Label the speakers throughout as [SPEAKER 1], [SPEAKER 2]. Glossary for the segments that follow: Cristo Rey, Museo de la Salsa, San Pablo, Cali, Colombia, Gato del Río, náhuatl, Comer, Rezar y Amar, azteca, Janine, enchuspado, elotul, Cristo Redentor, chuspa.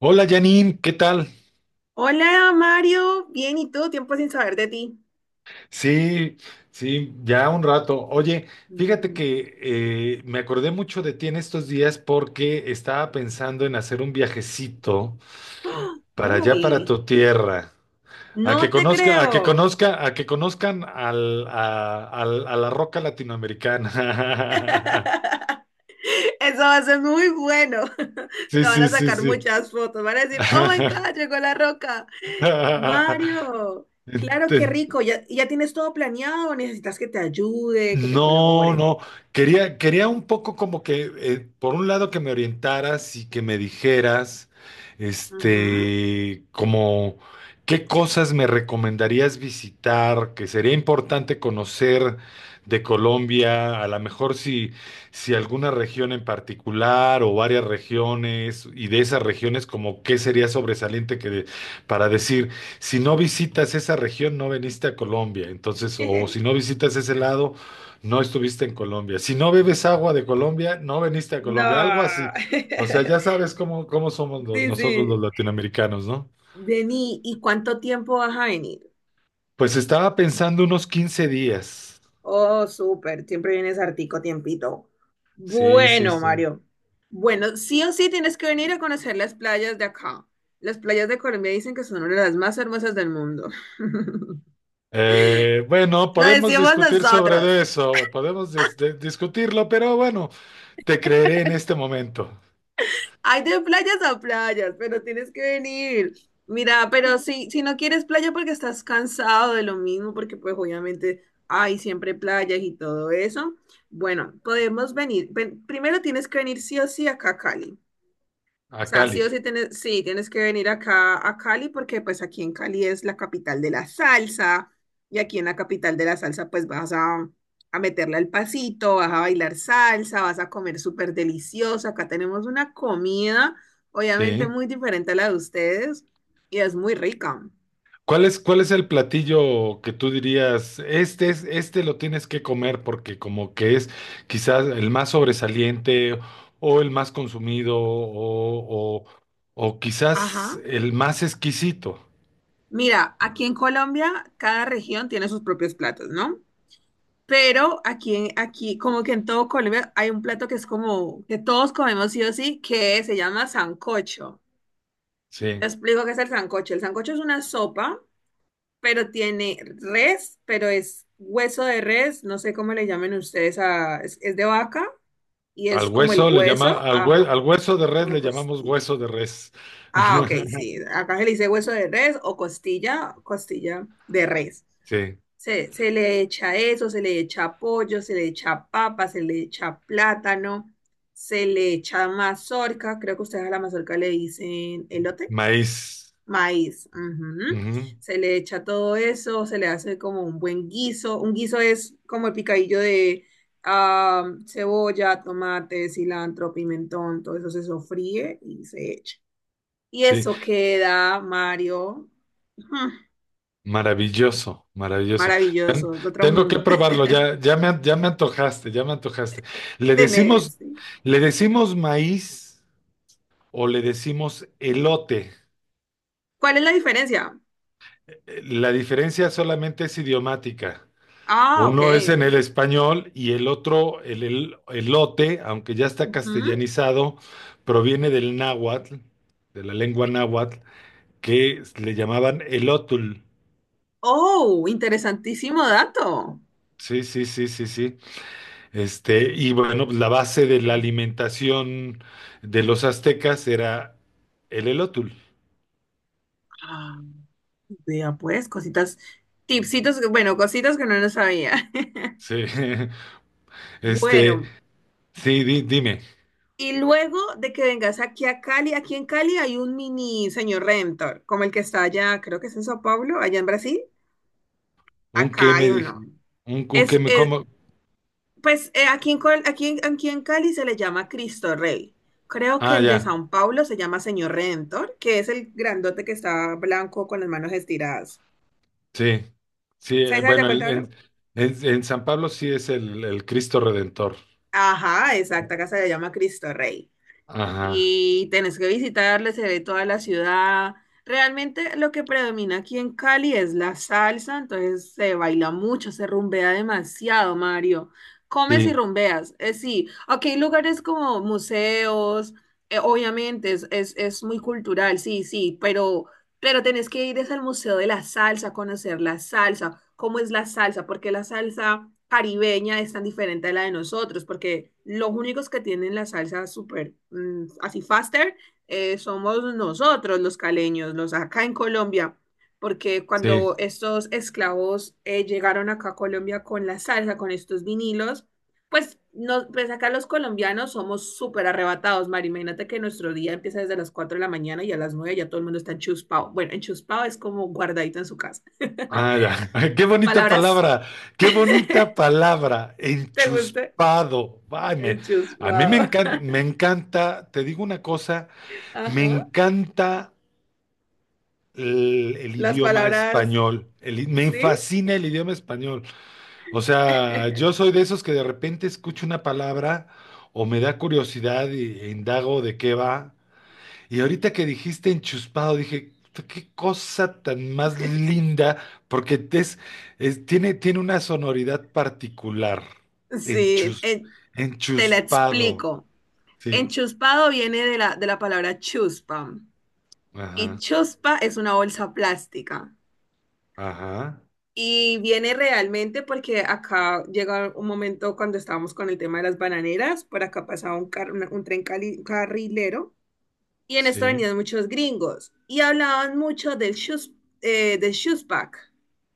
[SPEAKER 1] Hola Janine, ¿qué tal?
[SPEAKER 2] Hola Mario, bien, ¿y tú? Tiempo sin saber de ti.
[SPEAKER 1] Sí, sí, ya un rato. Oye, fíjate
[SPEAKER 2] Mm.
[SPEAKER 1] que me acordé mucho de ti en estos días porque estaba pensando en hacer un viajecito
[SPEAKER 2] ¡Ah!
[SPEAKER 1] para allá, para
[SPEAKER 2] Uy,
[SPEAKER 1] tu tierra,
[SPEAKER 2] no te creo.
[SPEAKER 1] a que conozcan a la roca latinoamericana.
[SPEAKER 2] Eso va a ser muy bueno.
[SPEAKER 1] Sí,
[SPEAKER 2] Te van
[SPEAKER 1] sí,
[SPEAKER 2] a
[SPEAKER 1] sí,
[SPEAKER 2] sacar
[SPEAKER 1] sí.
[SPEAKER 2] muchas fotos, van a decir, oh my God, llegó la roca. Mario,
[SPEAKER 1] Ent-
[SPEAKER 2] claro, qué rico, ya, ya tienes todo planeado, o necesitas que te ayude, que te
[SPEAKER 1] No,
[SPEAKER 2] colabore.
[SPEAKER 1] no, quería un poco como que, por un lado que me orientaras y que me dijeras,
[SPEAKER 2] Ujú.
[SPEAKER 1] este, como qué cosas me recomendarías visitar, que sería importante conocer de Colombia, a lo mejor si, si alguna región en particular o varias regiones, y de esas regiones como qué sería sobresaliente para decir, si no visitas esa región, no veniste a Colombia, entonces, o si no visitas ese lado no estuviste en Colombia. Si no bebes agua de Colombia, no veniste a Colombia, algo así.
[SPEAKER 2] No.
[SPEAKER 1] O sea, ya sabes cómo, cómo somos
[SPEAKER 2] Sí,
[SPEAKER 1] nosotros los
[SPEAKER 2] sí.
[SPEAKER 1] latinoamericanos, ¿no?
[SPEAKER 2] Vení, ¿y cuánto tiempo vas a venir?
[SPEAKER 1] Pues estaba pensando unos 15 días.
[SPEAKER 2] Oh, súper, siempre vienes hartico tiempito.
[SPEAKER 1] Sí, sí,
[SPEAKER 2] Bueno,
[SPEAKER 1] sí.
[SPEAKER 2] Mario. Bueno, sí o sí tienes que venir a conocer las playas de acá. Las playas de Colombia dicen que son una de las más hermosas del mundo.
[SPEAKER 1] Bueno,
[SPEAKER 2] Lo
[SPEAKER 1] podemos
[SPEAKER 2] decimos
[SPEAKER 1] discutir sobre
[SPEAKER 2] nosotros.
[SPEAKER 1] de eso, podemos discutirlo, pero bueno, te creeré en este momento.
[SPEAKER 2] Hay de playas a playas, pero tienes que venir. Mira, pero si no quieres playa porque estás cansado de lo mismo, porque pues obviamente hay siempre playas y todo eso. Bueno, podemos venir. Primero tienes que venir sí o sí acá a Cali. O
[SPEAKER 1] A
[SPEAKER 2] sea, sí
[SPEAKER 1] Cali.
[SPEAKER 2] o sí, tienes que venir acá a Cali porque pues aquí en Cali es la capital de la salsa y aquí en la capital de la salsa pues vas a meterle al pasito, vas a bailar salsa, vas a comer súper deliciosa. Acá tenemos una comida obviamente
[SPEAKER 1] Sí.
[SPEAKER 2] muy diferente a la de ustedes y es muy rica.
[SPEAKER 1] Cuál es el platillo que tú dirías, este es, este lo tienes que comer porque como que es quizás el más sobresaliente o el más consumido o
[SPEAKER 2] Ajá.
[SPEAKER 1] quizás el más exquisito?
[SPEAKER 2] Mira, aquí en Colombia cada región tiene sus propios platos, ¿no? Pero aquí, como que en todo Colombia hay un plato que es como que todos comemos sí o sí, que se llama sancocho. Te
[SPEAKER 1] Sí.
[SPEAKER 2] explico qué es el sancocho. El sancocho es una sopa, pero tiene res, pero es hueso de res, no sé cómo le llamen ustedes a, es de vaca y
[SPEAKER 1] Al
[SPEAKER 2] es como el
[SPEAKER 1] hueso le llama,
[SPEAKER 2] hueso, ajá,
[SPEAKER 1] al hueso de res
[SPEAKER 2] como
[SPEAKER 1] le llamamos
[SPEAKER 2] costilla.
[SPEAKER 1] hueso de res.
[SPEAKER 2] Ah, ok, sí. Acá se le dice hueso de res o costilla, costilla de res.
[SPEAKER 1] Sí.
[SPEAKER 2] Se le echa eso, se le echa pollo, se le echa papa, se le echa plátano, se le echa mazorca, creo que ustedes a la mazorca le dicen elote,
[SPEAKER 1] Maíz.
[SPEAKER 2] maíz. Ujú.
[SPEAKER 1] Ujú.
[SPEAKER 2] Se le echa todo eso, se le hace como un buen guiso. Un guiso es como el picadillo de cebolla, tomate, cilantro, pimentón, todo eso se sofríe y se echa. Y
[SPEAKER 1] Sí.
[SPEAKER 2] eso queda, Mario, ujú,
[SPEAKER 1] Maravilloso, maravilloso. Ten-
[SPEAKER 2] maravilloso, de otro
[SPEAKER 1] Tengo que
[SPEAKER 2] mundo.
[SPEAKER 1] probarlo, ya me antojaste, ya me antojaste. ¿Le decimos,
[SPEAKER 2] Tenés. Sí.
[SPEAKER 1] ¿le decimos maíz o le decimos elote?
[SPEAKER 2] ¿Cuál es la diferencia?
[SPEAKER 1] La diferencia solamente es idiomática.
[SPEAKER 2] Ah, ok.
[SPEAKER 1] Uno es en el español y el otro, elote, aunque ya está
[SPEAKER 2] Ujú.
[SPEAKER 1] castellanizado, proviene del náhuatl, de la lengua náhuatl, que le llamaban elotul.
[SPEAKER 2] Oh, interesantísimo dato.
[SPEAKER 1] Sí, sí, sí, sí, sí. Este, y bueno, pues, la base de la alimentación de los aztecas era el elótul.
[SPEAKER 2] Ah, vea pues, cositas, tipsitos, bueno, cositas que no nos sabía.
[SPEAKER 1] Sí, este,
[SPEAKER 2] Bueno,
[SPEAKER 1] sí, dime,
[SPEAKER 2] y luego de que vengas aquí a Cali, aquí en Cali hay un mini señor Redentor, como el que está allá, creo que es en Sao Paulo, allá en Brasil.
[SPEAKER 1] ¿un qué
[SPEAKER 2] Acá
[SPEAKER 1] me
[SPEAKER 2] hay
[SPEAKER 1] dije?
[SPEAKER 2] uno.
[SPEAKER 1] Un qué
[SPEAKER 2] Es,
[SPEAKER 1] me
[SPEAKER 2] es,
[SPEAKER 1] como?
[SPEAKER 2] Pues aquí en, Col- aquí en- aquí en Cali se le llama Cristo Rey. Creo que
[SPEAKER 1] Ah,
[SPEAKER 2] el de
[SPEAKER 1] ya,
[SPEAKER 2] San Pablo se llama Señor Redentor, que es el grandote que está blanco con las manos estiradas.
[SPEAKER 1] sí, sí,
[SPEAKER 2] ¿Sabes de
[SPEAKER 1] bueno,
[SPEAKER 2] cuál te hablo?
[SPEAKER 1] en San Pablo sí es el Cristo Redentor.
[SPEAKER 2] Ajá, exacto, acá se le llama Cristo Rey.
[SPEAKER 1] Ajá,
[SPEAKER 2] Y tenés que visitarle, se ve toda la ciudad. Realmente lo que predomina aquí en Cali es la salsa, entonces se baila mucho, se rumbea demasiado, Mario. Comes y
[SPEAKER 1] sí,
[SPEAKER 2] rumbeas, sí. Aquí hay lugares como museos, obviamente es muy cultural, sí, sí, pero tenés que ir es al Museo de la Salsa, a conocer la salsa, cómo es la salsa, porque la salsa caribeña es tan diferente a la de nosotros, porque los únicos que tienen la salsa súper así faster somos nosotros los caleños, los acá en Colombia, porque
[SPEAKER 1] sí.
[SPEAKER 2] cuando estos esclavos llegaron acá a Colombia con la salsa, con estos vinilos, pues, no, pues acá los colombianos somos súper arrebatados, Mari. Imagínate que nuestro día empieza desde las 4 de la mañana y a las 9 ya todo el mundo está enchuspado. Bueno, enchuspado es como guardadito en su casa.
[SPEAKER 1] Ah, ya. Qué bonita
[SPEAKER 2] ¿Palabras?
[SPEAKER 1] palabra, qué bonita palabra,
[SPEAKER 2] ¿Te gusta?
[SPEAKER 1] enchuspado. A mí
[SPEAKER 2] Enchuspado.
[SPEAKER 1] me encanta, te digo una cosa, me
[SPEAKER 2] Ajá.
[SPEAKER 1] encanta el
[SPEAKER 2] Las
[SPEAKER 1] idioma
[SPEAKER 2] palabras,
[SPEAKER 1] español, me
[SPEAKER 2] ¿sí?
[SPEAKER 1] fascina el idioma español. O sea, yo soy de esos que de repente escucho una palabra o me da curiosidad e indago de qué va. Y ahorita que dijiste enchuspado, dije, "Puta, qué cosa tan más linda, porque tiene, tiene una sonoridad particular.
[SPEAKER 2] Sí,
[SPEAKER 1] Enchus,
[SPEAKER 2] te la
[SPEAKER 1] enchuspado.
[SPEAKER 2] explico.
[SPEAKER 1] Sí.
[SPEAKER 2] Enchuspado viene de la palabra chuspa y
[SPEAKER 1] Ajá.
[SPEAKER 2] chuspa es una bolsa plástica.
[SPEAKER 1] Ajá.
[SPEAKER 2] Y viene realmente porque acá llega un momento cuando estábamos con el tema de las bananeras, por acá pasaba un tren carrilero y en esto
[SPEAKER 1] Sí.
[SPEAKER 2] venían muchos gringos y hablaban mucho del shoes bag,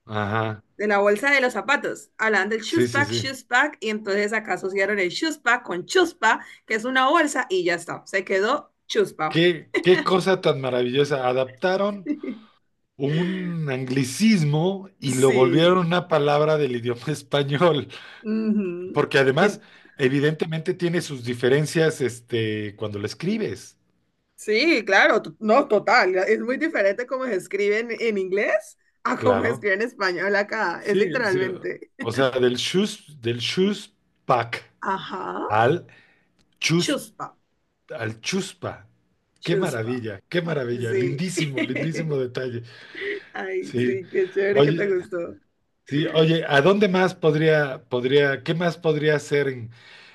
[SPEAKER 1] Ajá.
[SPEAKER 2] de la bolsa de los zapatos. Hablaban del
[SPEAKER 1] Sí, sí, sí.
[SPEAKER 2] shoes bag y entonces acá asociaron el shoes bag con chuspa, que es una bolsa y ya está, se quedó chuspa.
[SPEAKER 1] Qué, qué cosa tan maravillosa. Adaptaron un anglicismo y lo volvieron
[SPEAKER 2] Sí.
[SPEAKER 1] una palabra del idioma español.
[SPEAKER 2] Ujú.
[SPEAKER 1] Porque además, evidentemente tiene sus diferencias, este, cuando lo escribes,
[SPEAKER 2] Sí, claro, no, total. Es muy diferente cómo se escribe en inglés a cómo se
[SPEAKER 1] claro.
[SPEAKER 2] escribe en español acá. Es
[SPEAKER 1] Sí, sí.
[SPEAKER 2] literalmente.
[SPEAKER 1] O sea, del chus pack
[SPEAKER 2] Ajá.
[SPEAKER 1] al chus,
[SPEAKER 2] Chuspa.
[SPEAKER 1] al chuspa. Qué
[SPEAKER 2] Chuspa.
[SPEAKER 1] maravilla, qué maravilla.
[SPEAKER 2] Sí.
[SPEAKER 1] Lindísimo, lindísimo detalle.
[SPEAKER 2] Ay,
[SPEAKER 1] Sí.
[SPEAKER 2] sí, qué chévere que te
[SPEAKER 1] Oye.
[SPEAKER 2] gustó.
[SPEAKER 1] Sí, oye, ¿a dónde más qué más podría hacer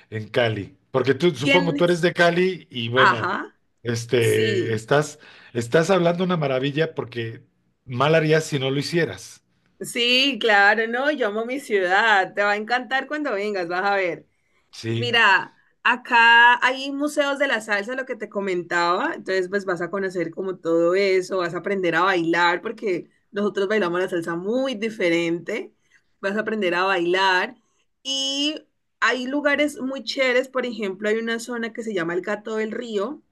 [SPEAKER 1] en Cali? Porque tú, supongo, tú eres
[SPEAKER 2] ¿Tienes?
[SPEAKER 1] de Cali y bueno,
[SPEAKER 2] Ajá.
[SPEAKER 1] este,
[SPEAKER 2] Sí.
[SPEAKER 1] estás, estás hablando una maravilla porque mal harías si no lo hicieras.
[SPEAKER 2] Sí, claro, no, yo amo mi ciudad. Te va a encantar cuando vengas, vas a ver.
[SPEAKER 1] Sí,
[SPEAKER 2] Mira, acá hay museos de la salsa, lo que te comentaba, entonces pues vas a conocer como todo eso, vas a aprender a bailar, porque nosotros bailamos la salsa muy diferente, vas a aprender a bailar y hay lugares muy chéveres, por ejemplo, hay una zona que se llama el Gato del Río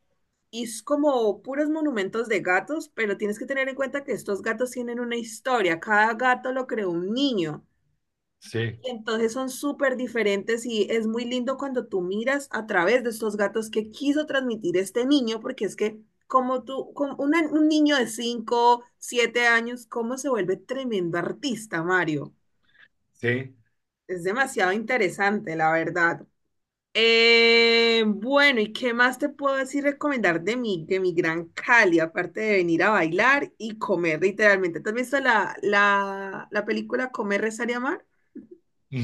[SPEAKER 2] y es como puros monumentos de gatos, pero tienes que tener en cuenta que estos gatos tienen una historia, cada gato lo creó un niño.
[SPEAKER 1] sí,
[SPEAKER 2] Y entonces son súper diferentes y es muy lindo cuando tú miras a través de estos gatos que quiso transmitir este niño, porque es que como tú, como un niño de 5 7 años, cómo se vuelve tremendo artista, Mario.
[SPEAKER 1] sí.
[SPEAKER 2] Es demasiado interesante, la verdad. Bueno, ¿y qué más te puedo decir recomendar de mi gran Cali, aparte de venir a bailar y comer, literalmente? ¿Te has visto la película Comer, Rezar y Amar?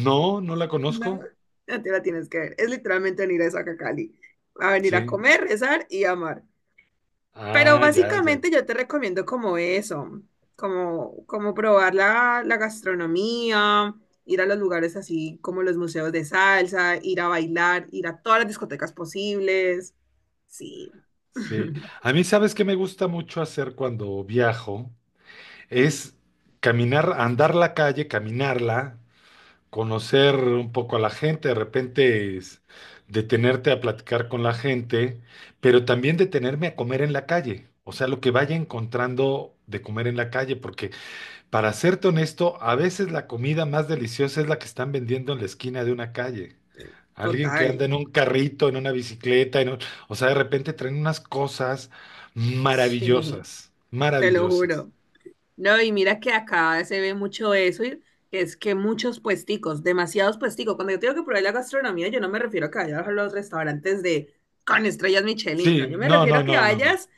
[SPEAKER 1] No, no la
[SPEAKER 2] No,
[SPEAKER 1] conozco.
[SPEAKER 2] ya te la tienes que ver. Es literalmente venir a esa Cali. A venir a
[SPEAKER 1] Sí.
[SPEAKER 2] comer, rezar y amar. Pero
[SPEAKER 1] Ah, ya, ya.
[SPEAKER 2] básicamente yo te recomiendo como eso, como probar la gastronomía, ir a los lugares así como los museos de salsa, ir a bailar, ir a todas las discotecas posibles. Sí,
[SPEAKER 1] Sí. A mí, ¿sabes qué me gusta mucho hacer cuando viajo? Es caminar, andar la calle, caminarla, conocer un poco a la gente, de repente es detenerte a platicar con la gente, pero también detenerme a comer en la calle, o sea, lo que vaya encontrando de comer en la calle, porque para serte honesto, a veces la comida más deliciosa es la que están vendiendo en la esquina de una calle. Alguien que anda
[SPEAKER 2] total.
[SPEAKER 1] en un carrito, en una bicicleta, o sea, de repente traen unas cosas
[SPEAKER 2] Sí,
[SPEAKER 1] maravillosas,
[SPEAKER 2] te lo
[SPEAKER 1] maravillosas.
[SPEAKER 2] juro. No, y mira que acá se ve mucho eso, y que es que muchos puesticos, demasiados puesticos. Cuando yo tengo que probar la gastronomía, yo no me refiero a que vayas a los restaurantes de con estrellas
[SPEAKER 1] Sí,
[SPEAKER 2] Michelin, no, yo me
[SPEAKER 1] no,
[SPEAKER 2] refiero
[SPEAKER 1] no,
[SPEAKER 2] a que
[SPEAKER 1] no, no, no.
[SPEAKER 2] vayas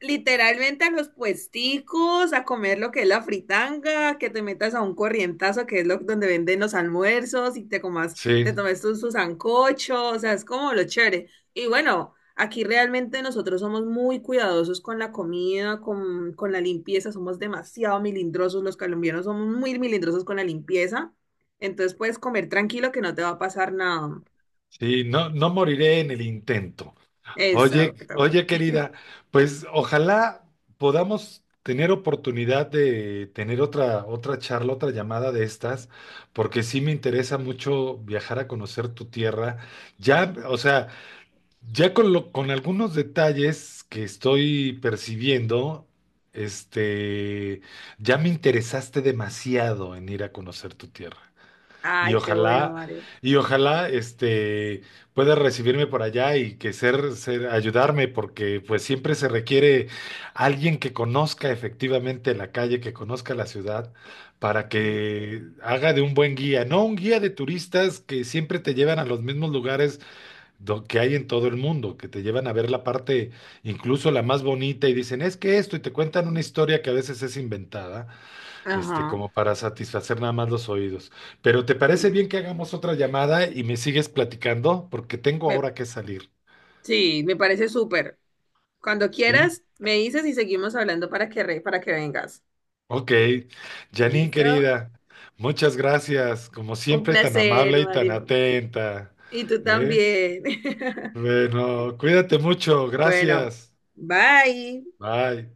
[SPEAKER 2] literalmente a los puesticos, a comer lo que es la fritanga, que te metas a un corrientazo, que es lo donde venden los almuerzos y te comas,
[SPEAKER 1] Sí,
[SPEAKER 2] te tomes tus tu sancocho, o sea, es como lo chévere. Y bueno, aquí realmente nosotros somos muy cuidadosos con la comida, con la limpieza, somos demasiado milindrosos, los colombianos somos muy milindrosos con la limpieza, entonces puedes comer tranquilo que no te va a pasar nada.
[SPEAKER 1] sí, no, no moriré en el intento. Oye,
[SPEAKER 2] Exacto.
[SPEAKER 1] oye, querida, pues ojalá podamos tener oportunidad de tener otra, otra charla, otra llamada de estas, porque sí me interesa mucho viajar a conocer tu tierra. Ya, o sea, ya con algunos detalles que estoy percibiendo, este, ya me interesaste demasiado en ir a conocer tu tierra. Y
[SPEAKER 2] Ay, qué bueno,
[SPEAKER 1] ojalá,
[SPEAKER 2] Mario.
[SPEAKER 1] y ojalá, este, pueda recibirme por allá y que ayudarme, porque pues siempre se requiere alguien que conozca efectivamente la calle, que conozca la ciudad, para
[SPEAKER 2] Sí.
[SPEAKER 1] que haga de un buen guía, no un guía de turistas que siempre te llevan a los mismos lugares que hay en todo el mundo, que te llevan a ver la parte, incluso la más bonita, y dicen, es que esto, y te cuentan una historia que a veces es inventada, este,
[SPEAKER 2] Ajá.
[SPEAKER 1] como para satisfacer nada más los oídos. Pero ¿te parece
[SPEAKER 2] Sí.
[SPEAKER 1] bien que hagamos otra llamada y me sigues platicando? Porque tengo
[SPEAKER 2] Me-
[SPEAKER 1] ahora que salir,
[SPEAKER 2] Sí, me parece súper. Cuando
[SPEAKER 1] ¿sí?
[SPEAKER 2] quieras, me dices y seguimos hablando para para que vengas.
[SPEAKER 1] Ok, Janine
[SPEAKER 2] ¿Listo?
[SPEAKER 1] querida, muchas gracias, como
[SPEAKER 2] Un
[SPEAKER 1] siempre tan amable
[SPEAKER 2] placer,
[SPEAKER 1] y tan
[SPEAKER 2] Mario.
[SPEAKER 1] atenta,
[SPEAKER 2] Y tú
[SPEAKER 1] ¿eh?
[SPEAKER 2] también.
[SPEAKER 1] Bueno, cuídate mucho,
[SPEAKER 2] Bueno,
[SPEAKER 1] gracias.
[SPEAKER 2] bye.
[SPEAKER 1] Bye.